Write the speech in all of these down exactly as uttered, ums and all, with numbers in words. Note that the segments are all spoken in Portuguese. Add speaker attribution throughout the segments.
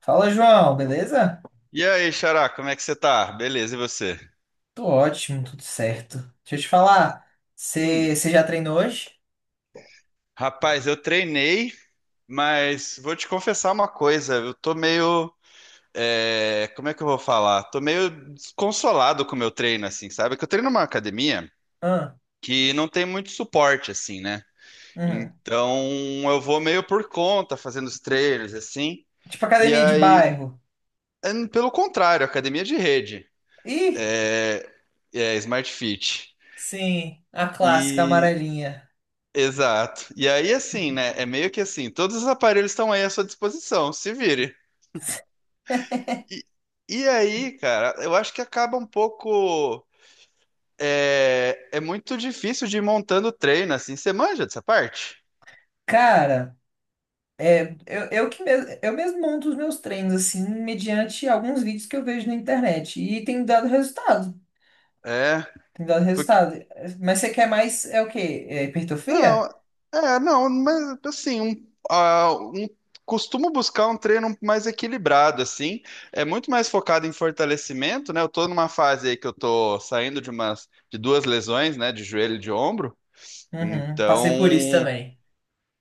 Speaker 1: Fala, João, beleza?
Speaker 2: E aí, Xará, como é que você tá? Beleza, e você?
Speaker 1: Tô ótimo, tudo certo. Deixa eu te falar,
Speaker 2: Hum,
Speaker 1: você já treinou hoje?
Speaker 2: rapaz, eu treinei, mas vou te confessar uma coisa, eu tô meio, é, como é que eu vou falar? Tô meio desconsolado com o meu treino, assim, sabe? Que eu treino numa academia
Speaker 1: Ah,
Speaker 2: que não tem muito suporte, assim, né?
Speaker 1: uhum.
Speaker 2: Então, eu vou meio por conta, fazendo os treinos, assim,
Speaker 1: Tipo
Speaker 2: e
Speaker 1: academia de
Speaker 2: aí,
Speaker 1: bairro.
Speaker 2: eh, pelo contrário, academia de rede,
Speaker 1: Ih,
Speaker 2: é, é Smart Fit.
Speaker 1: sim, a clássica amarelinha.
Speaker 2: Exato. E aí, assim, né? É meio que assim, todos os aparelhos estão aí à sua disposição, se vire. E, e aí, cara, eu acho que acaba um pouco. É, é muito difícil de ir montando treino, assim. Você manja dessa parte?
Speaker 1: Cara, é, eu, eu que mes- eu mesmo monto os meus treinos, assim, mediante alguns vídeos que eu vejo na internet. E tem dado resultado.
Speaker 2: É,
Speaker 1: Tem dado
Speaker 2: porque.
Speaker 1: resultado. Mas você quer mais, é o quê? É hipertrofia?
Speaker 2: Não, é, não, mas assim, um, ah, um- costumo buscar um treino mais equilibrado, assim. É muito mais focado em fortalecimento, né? Eu tô numa fase aí que eu tô saindo de umas, de duas lesões, né? De joelho e de ombro.
Speaker 1: Uhum,
Speaker 2: Então,
Speaker 1: passei por isso também.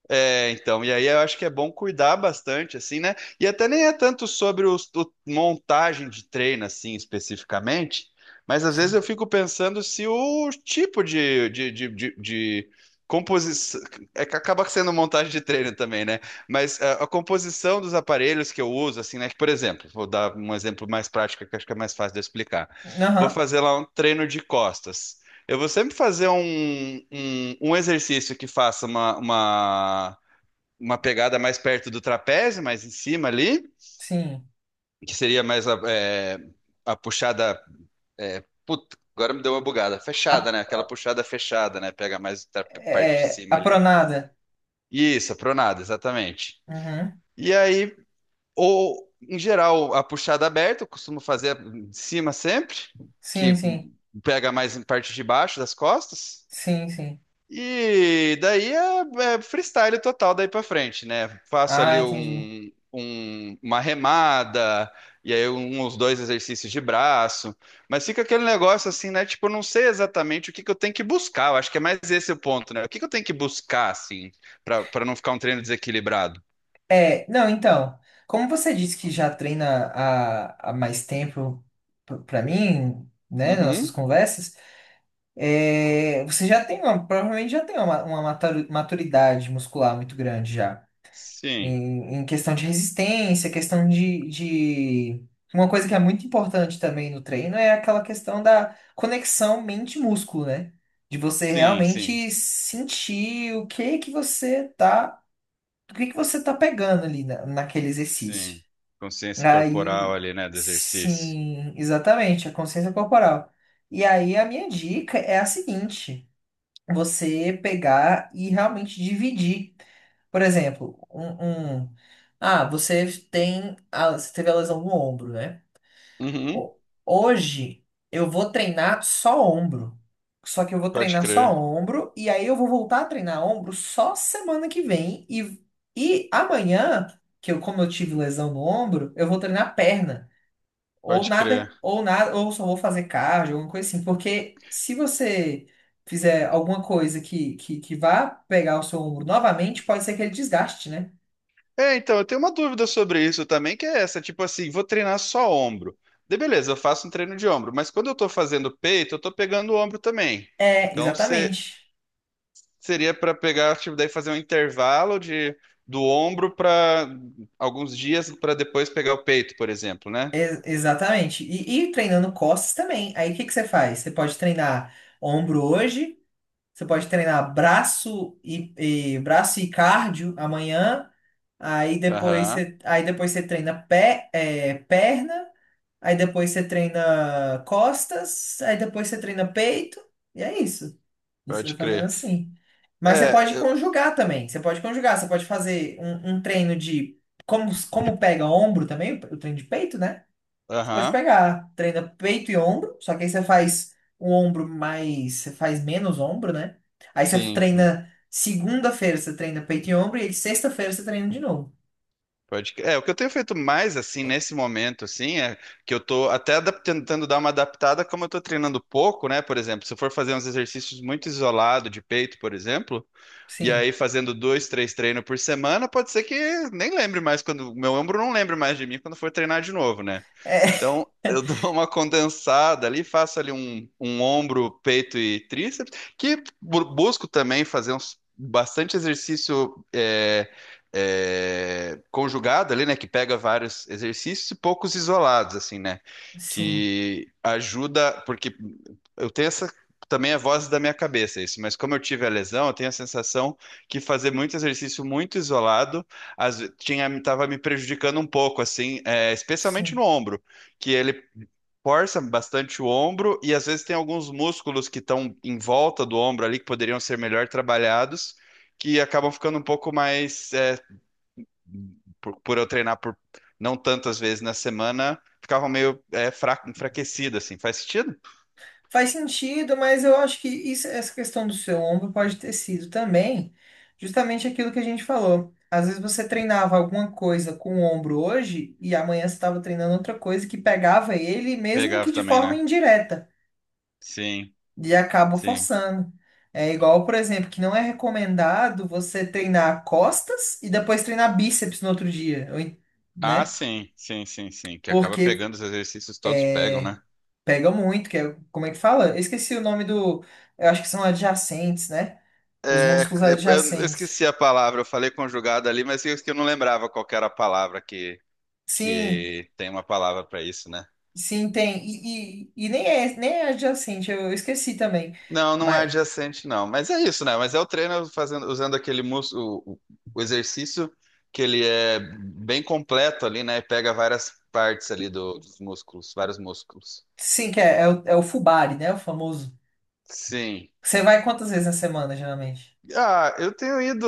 Speaker 2: é, então, e aí eu acho que é bom cuidar bastante, assim, né? E até nem é tanto sobre os- o, montagem de treino, assim, especificamente, mas às vezes
Speaker 1: Sim.
Speaker 2: eu fico pensando se o tipo de, de, de, de, de composição. É que acaba sendo montagem de treino também, né? Mas a, a composição dos aparelhos que eu uso, assim, né? Que, por exemplo, vou dar um exemplo mais prático que eu acho que é mais fácil de eu explicar. Vou
Speaker 1: Aham,
Speaker 2: fazer lá um treino de costas. Eu vou sempre fazer um, um, um exercício que faça uma, uma, uma pegada mais perto do trapézio, mais em cima ali,
Speaker 1: sim.
Speaker 2: que seria mais a, é, a puxada. É, puta, agora me deu uma bugada.
Speaker 1: A,
Speaker 2: Fechada, né? Aquela puxada fechada, né? Pega mais a parte de
Speaker 1: é,
Speaker 2: cima
Speaker 1: a
Speaker 2: ali.
Speaker 1: pronada.
Speaker 2: Isso, a pronada, exatamente.
Speaker 1: Uhum.
Speaker 2: E aí, ou em geral, a puxada aberta, eu costumo fazer de cima sempre,
Speaker 1: Sim,
Speaker 2: que
Speaker 1: sim.
Speaker 2: pega mais em parte de baixo das costas.
Speaker 1: Sim, sim.
Speaker 2: E daí é, é freestyle total daí pra frente, né? Faço
Speaker 1: Ah,
Speaker 2: ali
Speaker 1: entendi.
Speaker 2: um, um- uma remada, e aí um, uns dois exercícios de braço, mas fica aquele negócio assim, né? Tipo, eu não sei exatamente o que que eu tenho que buscar, eu acho que é mais esse o ponto, né? O que que eu tenho que buscar, assim, pra, pra não ficar um treino desequilibrado?
Speaker 1: É, não, então, como você disse que já treina há, há mais tempo p- pra mim, né, nas nossas
Speaker 2: Uhum.
Speaker 1: conversas, é, você já tem uma, provavelmente já tem uma, uma maturu- maturidade muscular muito grande já.
Speaker 2: Sim,
Speaker 1: Em, em questão de resistência, questão de, de... Uma coisa que é muito importante também no treino é aquela questão da conexão mente-músculo, né? De você
Speaker 2: sim, sim,
Speaker 1: realmente sentir o que que você tá, o que que você tá pegando ali na- naquele exercício.
Speaker 2: sim. Consciência corporal
Speaker 1: Aí,
Speaker 2: ali, né, do exercício.
Speaker 1: sim, exatamente, a consciência corporal. E aí a minha dica é a seguinte: você pegar e realmente dividir. Por exemplo, um, um- ah, você tem a, você teve a lesão no ombro, né?
Speaker 2: Uhum.
Speaker 1: Ho- Hoje eu vou treinar só ombro. Só que eu vou
Speaker 2: Pode
Speaker 1: treinar só
Speaker 2: crer,
Speaker 1: ombro e aí eu vou voltar a treinar ombro só semana que vem e, e amanhã, que eu como eu tive lesão no ombro, eu vou treinar perna. Ou
Speaker 2: pode
Speaker 1: nada,
Speaker 2: crer.
Speaker 1: ou nada, ou só vou fazer cardio, alguma coisa assim. Porque se você fizer alguma coisa que, que, que vá pegar o seu ombro novamente, pode ser que ele desgaste, né?
Speaker 2: É, então, eu tenho uma dúvida sobre isso também, que é essa, tipo assim, vou treinar só ombro. De beleza, eu faço um treino de ombro, mas quando eu tô fazendo peito, eu tô pegando o ombro também.
Speaker 1: É,
Speaker 2: Então, se-
Speaker 1: exatamente.
Speaker 2: seria pra pegar, tipo, daí fazer um intervalo de do ombro pra alguns dias pra depois pegar o peito, por exemplo, né?
Speaker 1: E- Exatamente. E, e treinando costas também. Aí o que que você faz? Você pode treinar ombro hoje, você pode treinar braço e, e- braço e cardio amanhã. Aí depois
Speaker 2: Aham,
Speaker 1: você, aí depois você treina pé, é, perna. Aí depois você treina costas, aí depois você treina peito, e é isso. E você vai
Speaker 2: pode
Speaker 1: fazendo
Speaker 2: crer.
Speaker 1: assim. Mas você
Speaker 2: É,
Speaker 1: pode
Speaker 2: eu-
Speaker 1: conjugar também. Você pode conjugar, você pode fazer um, um treino de. Como, como pega ombro também, o treino de peito, né? Você pode
Speaker 2: aham,
Speaker 1: pegar, treina peito e ombro, só que aí você faz o ombro mais. Você faz menos ombro, né? Aí você
Speaker 2: sim.
Speaker 1: treina. Segunda-feira você treina peito e ombro, e aí sexta-feira você treina de novo.
Speaker 2: Pode crer. É, o que eu tenho feito mais, assim, nesse momento, assim, é que eu tô até adap- tentando dar uma adaptada, como eu tô treinando pouco, né? Por exemplo, se eu for fazer uns exercícios muito isolado de peito, por exemplo, e
Speaker 1: Sim.
Speaker 2: aí fazendo dois, três treinos por semana, pode ser que nem lembre mais quando... Meu ombro não lembre mais de mim quando for treinar de novo, né?
Speaker 1: É,
Speaker 2: Então, eu dou uma condensada ali, faço ali um, um ombro, peito e tríceps, que bu- busco também fazer uns, bastante exercício é, é, conjugado ali, né? Que pega vários exercícios e poucos isolados, assim, né?
Speaker 1: sim,
Speaker 2: Que ajuda, porque eu tenho essa. Também é voz da minha cabeça isso, mas como eu tive a lesão, eu tenho a sensação que fazer muito exercício muito isolado às, ve- tinha, estava me prejudicando um pouco, assim, é, especialmente no
Speaker 1: sim.
Speaker 2: ombro que ele força bastante o ombro e às vezes tem alguns músculos que estão em volta do ombro ali que poderiam ser melhor trabalhados, que acabam ficando um pouco mais é, por, por eu treinar por não tantas vezes na semana, ficavam meio é, fraco, enfraquecido assim. Faz sentido?
Speaker 1: Faz sentido, mas eu acho que isso- essa questão do seu ombro pode ter sido também justamente aquilo que a gente falou. Às vezes você treinava alguma coisa com o ombro hoje e amanhã você estava treinando outra coisa que pegava ele, mesmo que
Speaker 2: Pegava
Speaker 1: de
Speaker 2: também,
Speaker 1: forma
Speaker 2: né?
Speaker 1: indireta,
Speaker 2: Sim,
Speaker 1: e acaba
Speaker 2: sim.
Speaker 1: forçando. É igual, por exemplo, que não é recomendado você treinar costas e depois treinar bíceps no outro dia, ou em-
Speaker 2: Ah,
Speaker 1: né?
Speaker 2: sim, sim, sim, sim. Que acaba
Speaker 1: Porque
Speaker 2: pegando os exercícios todos pegam, né?
Speaker 1: pega muito, que é, como é que fala? Eu esqueci o nome do, eu acho que são adjacentes, né? Os
Speaker 2: É,
Speaker 1: músculos
Speaker 2: eu eu
Speaker 1: adjacentes.
Speaker 2: esqueci a palavra, eu falei conjugado ali, mas eu eu não lembrava qual que era a palavra que,
Speaker 1: Sim,
Speaker 2: que tem uma palavra para isso, né?
Speaker 1: sim, tem. E, e, e nem é, nem é adjacente, eu, eu esqueci também.
Speaker 2: Não, não é
Speaker 1: Mas
Speaker 2: adjacente, não. Mas é isso, né? Mas é o treino fazendo, usando aquele músculo, o, o exercício que ele é bem completo ali, né? E pega várias partes ali do- dos músculos, vários músculos.
Speaker 1: sim, que é, é, o, é o Fubari, né? O famoso.
Speaker 2: Sim.
Speaker 1: Você vai quantas vezes na semana, geralmente?
Speaker 2: Ah, eu tenho ido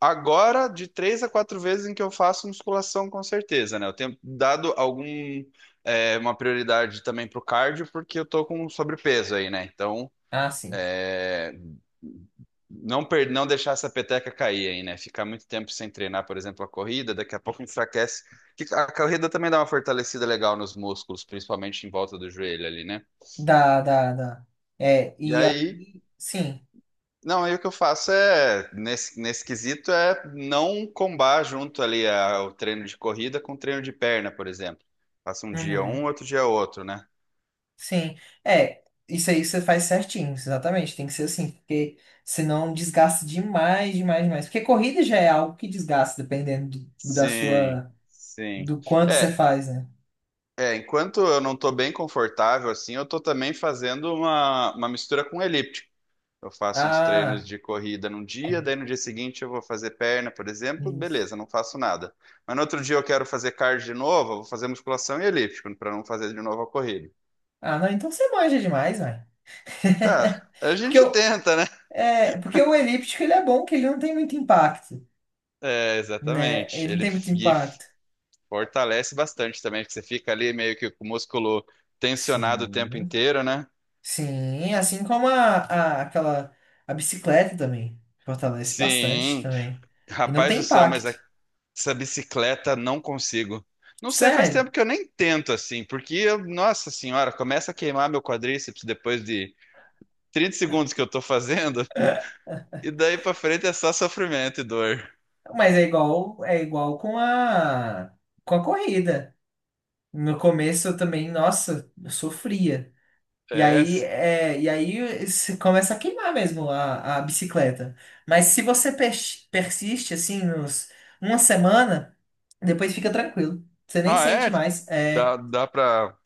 Speaker 2: agora de três a quatro vezes em que eu faço musculação, com certeza, né? Eu tenho dado algum, é, uma prioridade também pro cardio, porque eu tô com sobrepeso aí, né? Então,
Speaker 1: Ah, sim.
Speaker 2: é, não, per- não deixar essa peteca cair aí, né? Ficar muito tempo sem treinar, por exemplo, a corrida, daqui a pouco enfraquece. Que a corrida também dá uma fortalecida legal nos músculos, principalmente em volta do joelho ali, né?
Speaker 1: Dá, dá, dá. É,
Speaker 2: E
Speaker 1: e
Speaker 2: aí,
Speaker 1: aí, sim.
Speaker 2: não, aí o que eu faço é, nesse, nesse quesito, é não combar junto ali a- o treino de corrida com o treino de perna, por exemplo. Faço um dia
Speaker 1: Uhum,
Speaker 2: um, outro dia outro, né?
Speaker 1: sim. É, isso aí você faz certinho, exatamente. Tem que ser assim, porque senão desgasta demais, demais, demais. Porque corrida já é algo que desgasta, dependendo do, da
Speaker 2: Sim,
Speaker 1: sua,
Speaker 2: sim.
Speaker 1: do quanto você
Speaker 2: É,
Speaker 1: faz, né?
Speaker 2: é, enquanto eu não estou bem confortável assim, eu estou também fazendo uma, uma mistura com elíptico. Eu faço uns treinos
Speaker 1: Ah.
Speaker 2: de corrida num dia, daí no dia seguinte eu vou fazer perna, por exemplo,
Speaker 1: Isso.
Speaker 2: beleza, não faço nada. Mas no outro dia eu quero fazer cardio de novo, eu vou fazer musculação e elíptico, para não fazer de novo a corrida.
Speaker 1: Ah, não, então você manja demais, velho.
Speaker 2: Tá, a
Speaker 1: Porque,
Speaker 2: gente
Speaker 1: o-
Speaker 2: tenta, né?
Speaker 1: é, porque o elíptico ele é bom, que ele não tem muito impacto,
Speaker 2: É,
Speaker 1: né?
Speaker 2: exatamente.
Speaker 1: Ele não
Speaker 2: Ele
Speaker 1: tem muito
Speaker 2: f- e
Speaker 1: impacto.
Speaker 2: fortalece bastante também, porque você fica ali meio que com o músculo tensionado o tempo
Speaker 1: Sim.
Speaker 2: inteiro, né?
Speaker 1: Sim, assim como a, a- aquela a bicicleta também. Fortalece bastante
Speaker 2: Sim,
Speaker 1: também. E não
Speaker 2: rapaz
Speaker 1: tem
Speaker 2: do céu, mas
Speaker 1: impacto.
Speaker 2: essa bicicleta não consigo. Não sei, faz
Speaker 1: Sério.
Speaker 2: tempo que eu nem tento assim, porque, eu- nossa senhora, começa a queimar meu quadríceps depois de trinta segundos que eu tô fazendo, e daí pra frente é só sofrimento e dor.
Speaker 1: Mas é igual, é igual com a com a corrida. No começo eu também, nossa, eu sofria. E
Speaker 2: É.
Speaker 1: aí, é, e aí se começa a queimar mesmo a, a bicicleta. Mas se você pers- persiste assim nos uma semana, depois fica tranquilo. Você nem
Speaker 2: Ah,
Speaker 1: sente
Speaker 2: é?
Speaker 1: mais.
Speaker 2: Dá,
Speaker 1: É,
Speaker 2: dá pra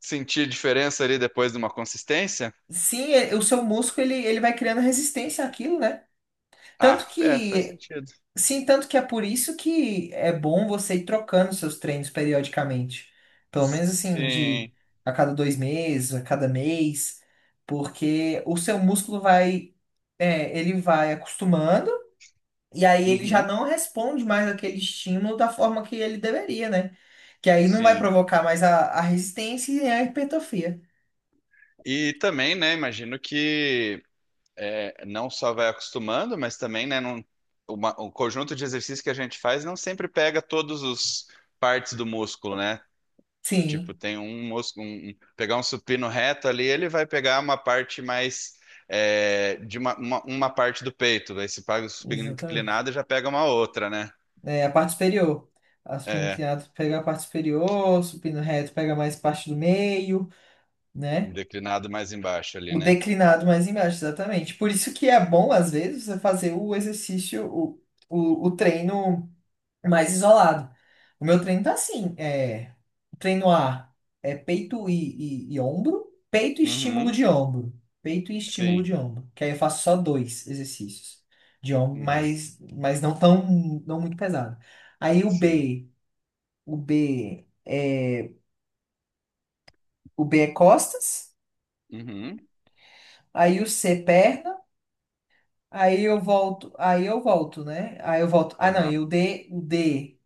Speaker 2: sentir diferença ali depois de uma consistência?
Speaker 1: sim, é- o seu músculo ele, ele vai criando resistência àquilo, né? Tanto
Speaker 2: Ah, é, faz
Speaker 1: que
Speaker 2: sentido.
Speaker 1: sim, tanto que é por isso que é bom você ir trocando seus treinos periodicamente. Pelo menos assim, de
Speaker 2: Sim.
Speaker 1: a cada dois meses, a cada mês, porque o seu músculo vai... É, ele vai acostumando e aí ele já
Speaker 2: Uhum,
Speaker 1: não responde mais aquele estímulo da forma que ele deveria, né? Que aí não vai
Speaker 2: sim.
Speaker 1: provocar mais a, a resistência e nem a hipertrofia.
Speaker 2: E também, né, imagino que é, não só vai acostumando, mas também, né, não, uma, o conjunto de exercícios que a gente faz não sempre pega todos os partes do músculo, né?
Speaker 1: Sim,
Speaker 2: Tipo, tem um músculo, um- um- pegar um supino reto ali, ele vai pegar uma parte mais é, de uma, uma, uma parte do peito. Aí se paga o supino
Speaker 1: exatamente.
Speaker 2: inclinado, já pega uma outra, né?
Speaker 1: É, a parte superior. A supino
Speaker 2: É,
Speaker 1: inclinado pega a parte superior, o supino reto pega mais parte do meio,
Speaker 2: um
Speaker 1: né?
Speaker 2: declinado mais embaixo ali,
Speaker 1: O
Speaker 2: né?
Speaker 1: declinado mais embaixo, exatamente. Por isso que é bom, às vezes, você fazer o exercício, o, o, o treino mais isolado. O meu treino tá assim, é, treino A é peito e, e, e ombro, peito e estímulo
Speaker 2: Uhum,
Speaker 1: de ombro, peito e estímulo
Speaker 2: sim.
Speaker 1: de ombro, que aí eu faço só dois exercícios de ombro,
Speaker 2: Uhum,
Speaker 1: mas, mas não tão, não muito pesado. Aí o
Speaker 2: sim.
Speaker 1: B, o B é, o B é costas,
Speaker 2: Uhum,
Speaker 1: aí o C é perna, aí eu volto, aí eu volto, né? Aí eu volto, ah não,
Speaker 2: aham,
Speaker 1: e o D, o D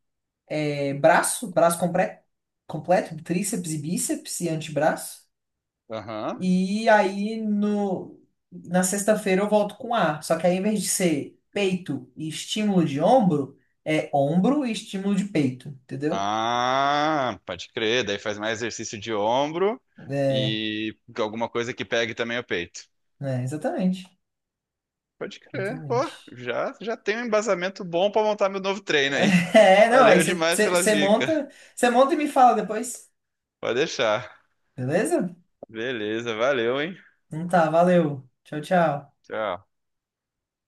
Speaker 1: é, braço, braço completo, completo, tríceps e bíceps e antebraço.
Speaker 2: aham.
Speaker 1: E aí no, na sexta-feira eu volto com A. Só que aí, em vez de ser peito e estímulo de ombro, é ombro e estímulo de peito, entendeu?
Speaker 2: Ah, pode crer. Daí faz mais exercício de ombro
Speaker 1: É,
Speaker 2: e alguma coisa que pegue também o peito.
Speaker 1: é, exatamente.
Speaker 2: Pode crer.
Speaker 1: Exatamente.
Speaker 2: Pô, já, já tem um embasamento bom pra montar meu novo treino aí.
Speaker 1: É, não, aí
Speaker 2: Valeu demais pelas
Speaker 1: você
Speaker 2: dicas.
Speaker 1: monta, você monta e me fala depois,
Speaker 2: Pode deixar.
Speaker 1: beleza?
Speaker 2: Beleza, valeu, hein?
Speaker 1: Então tá, valeu. Tchau, tchau.
Speaker 2: Tchau.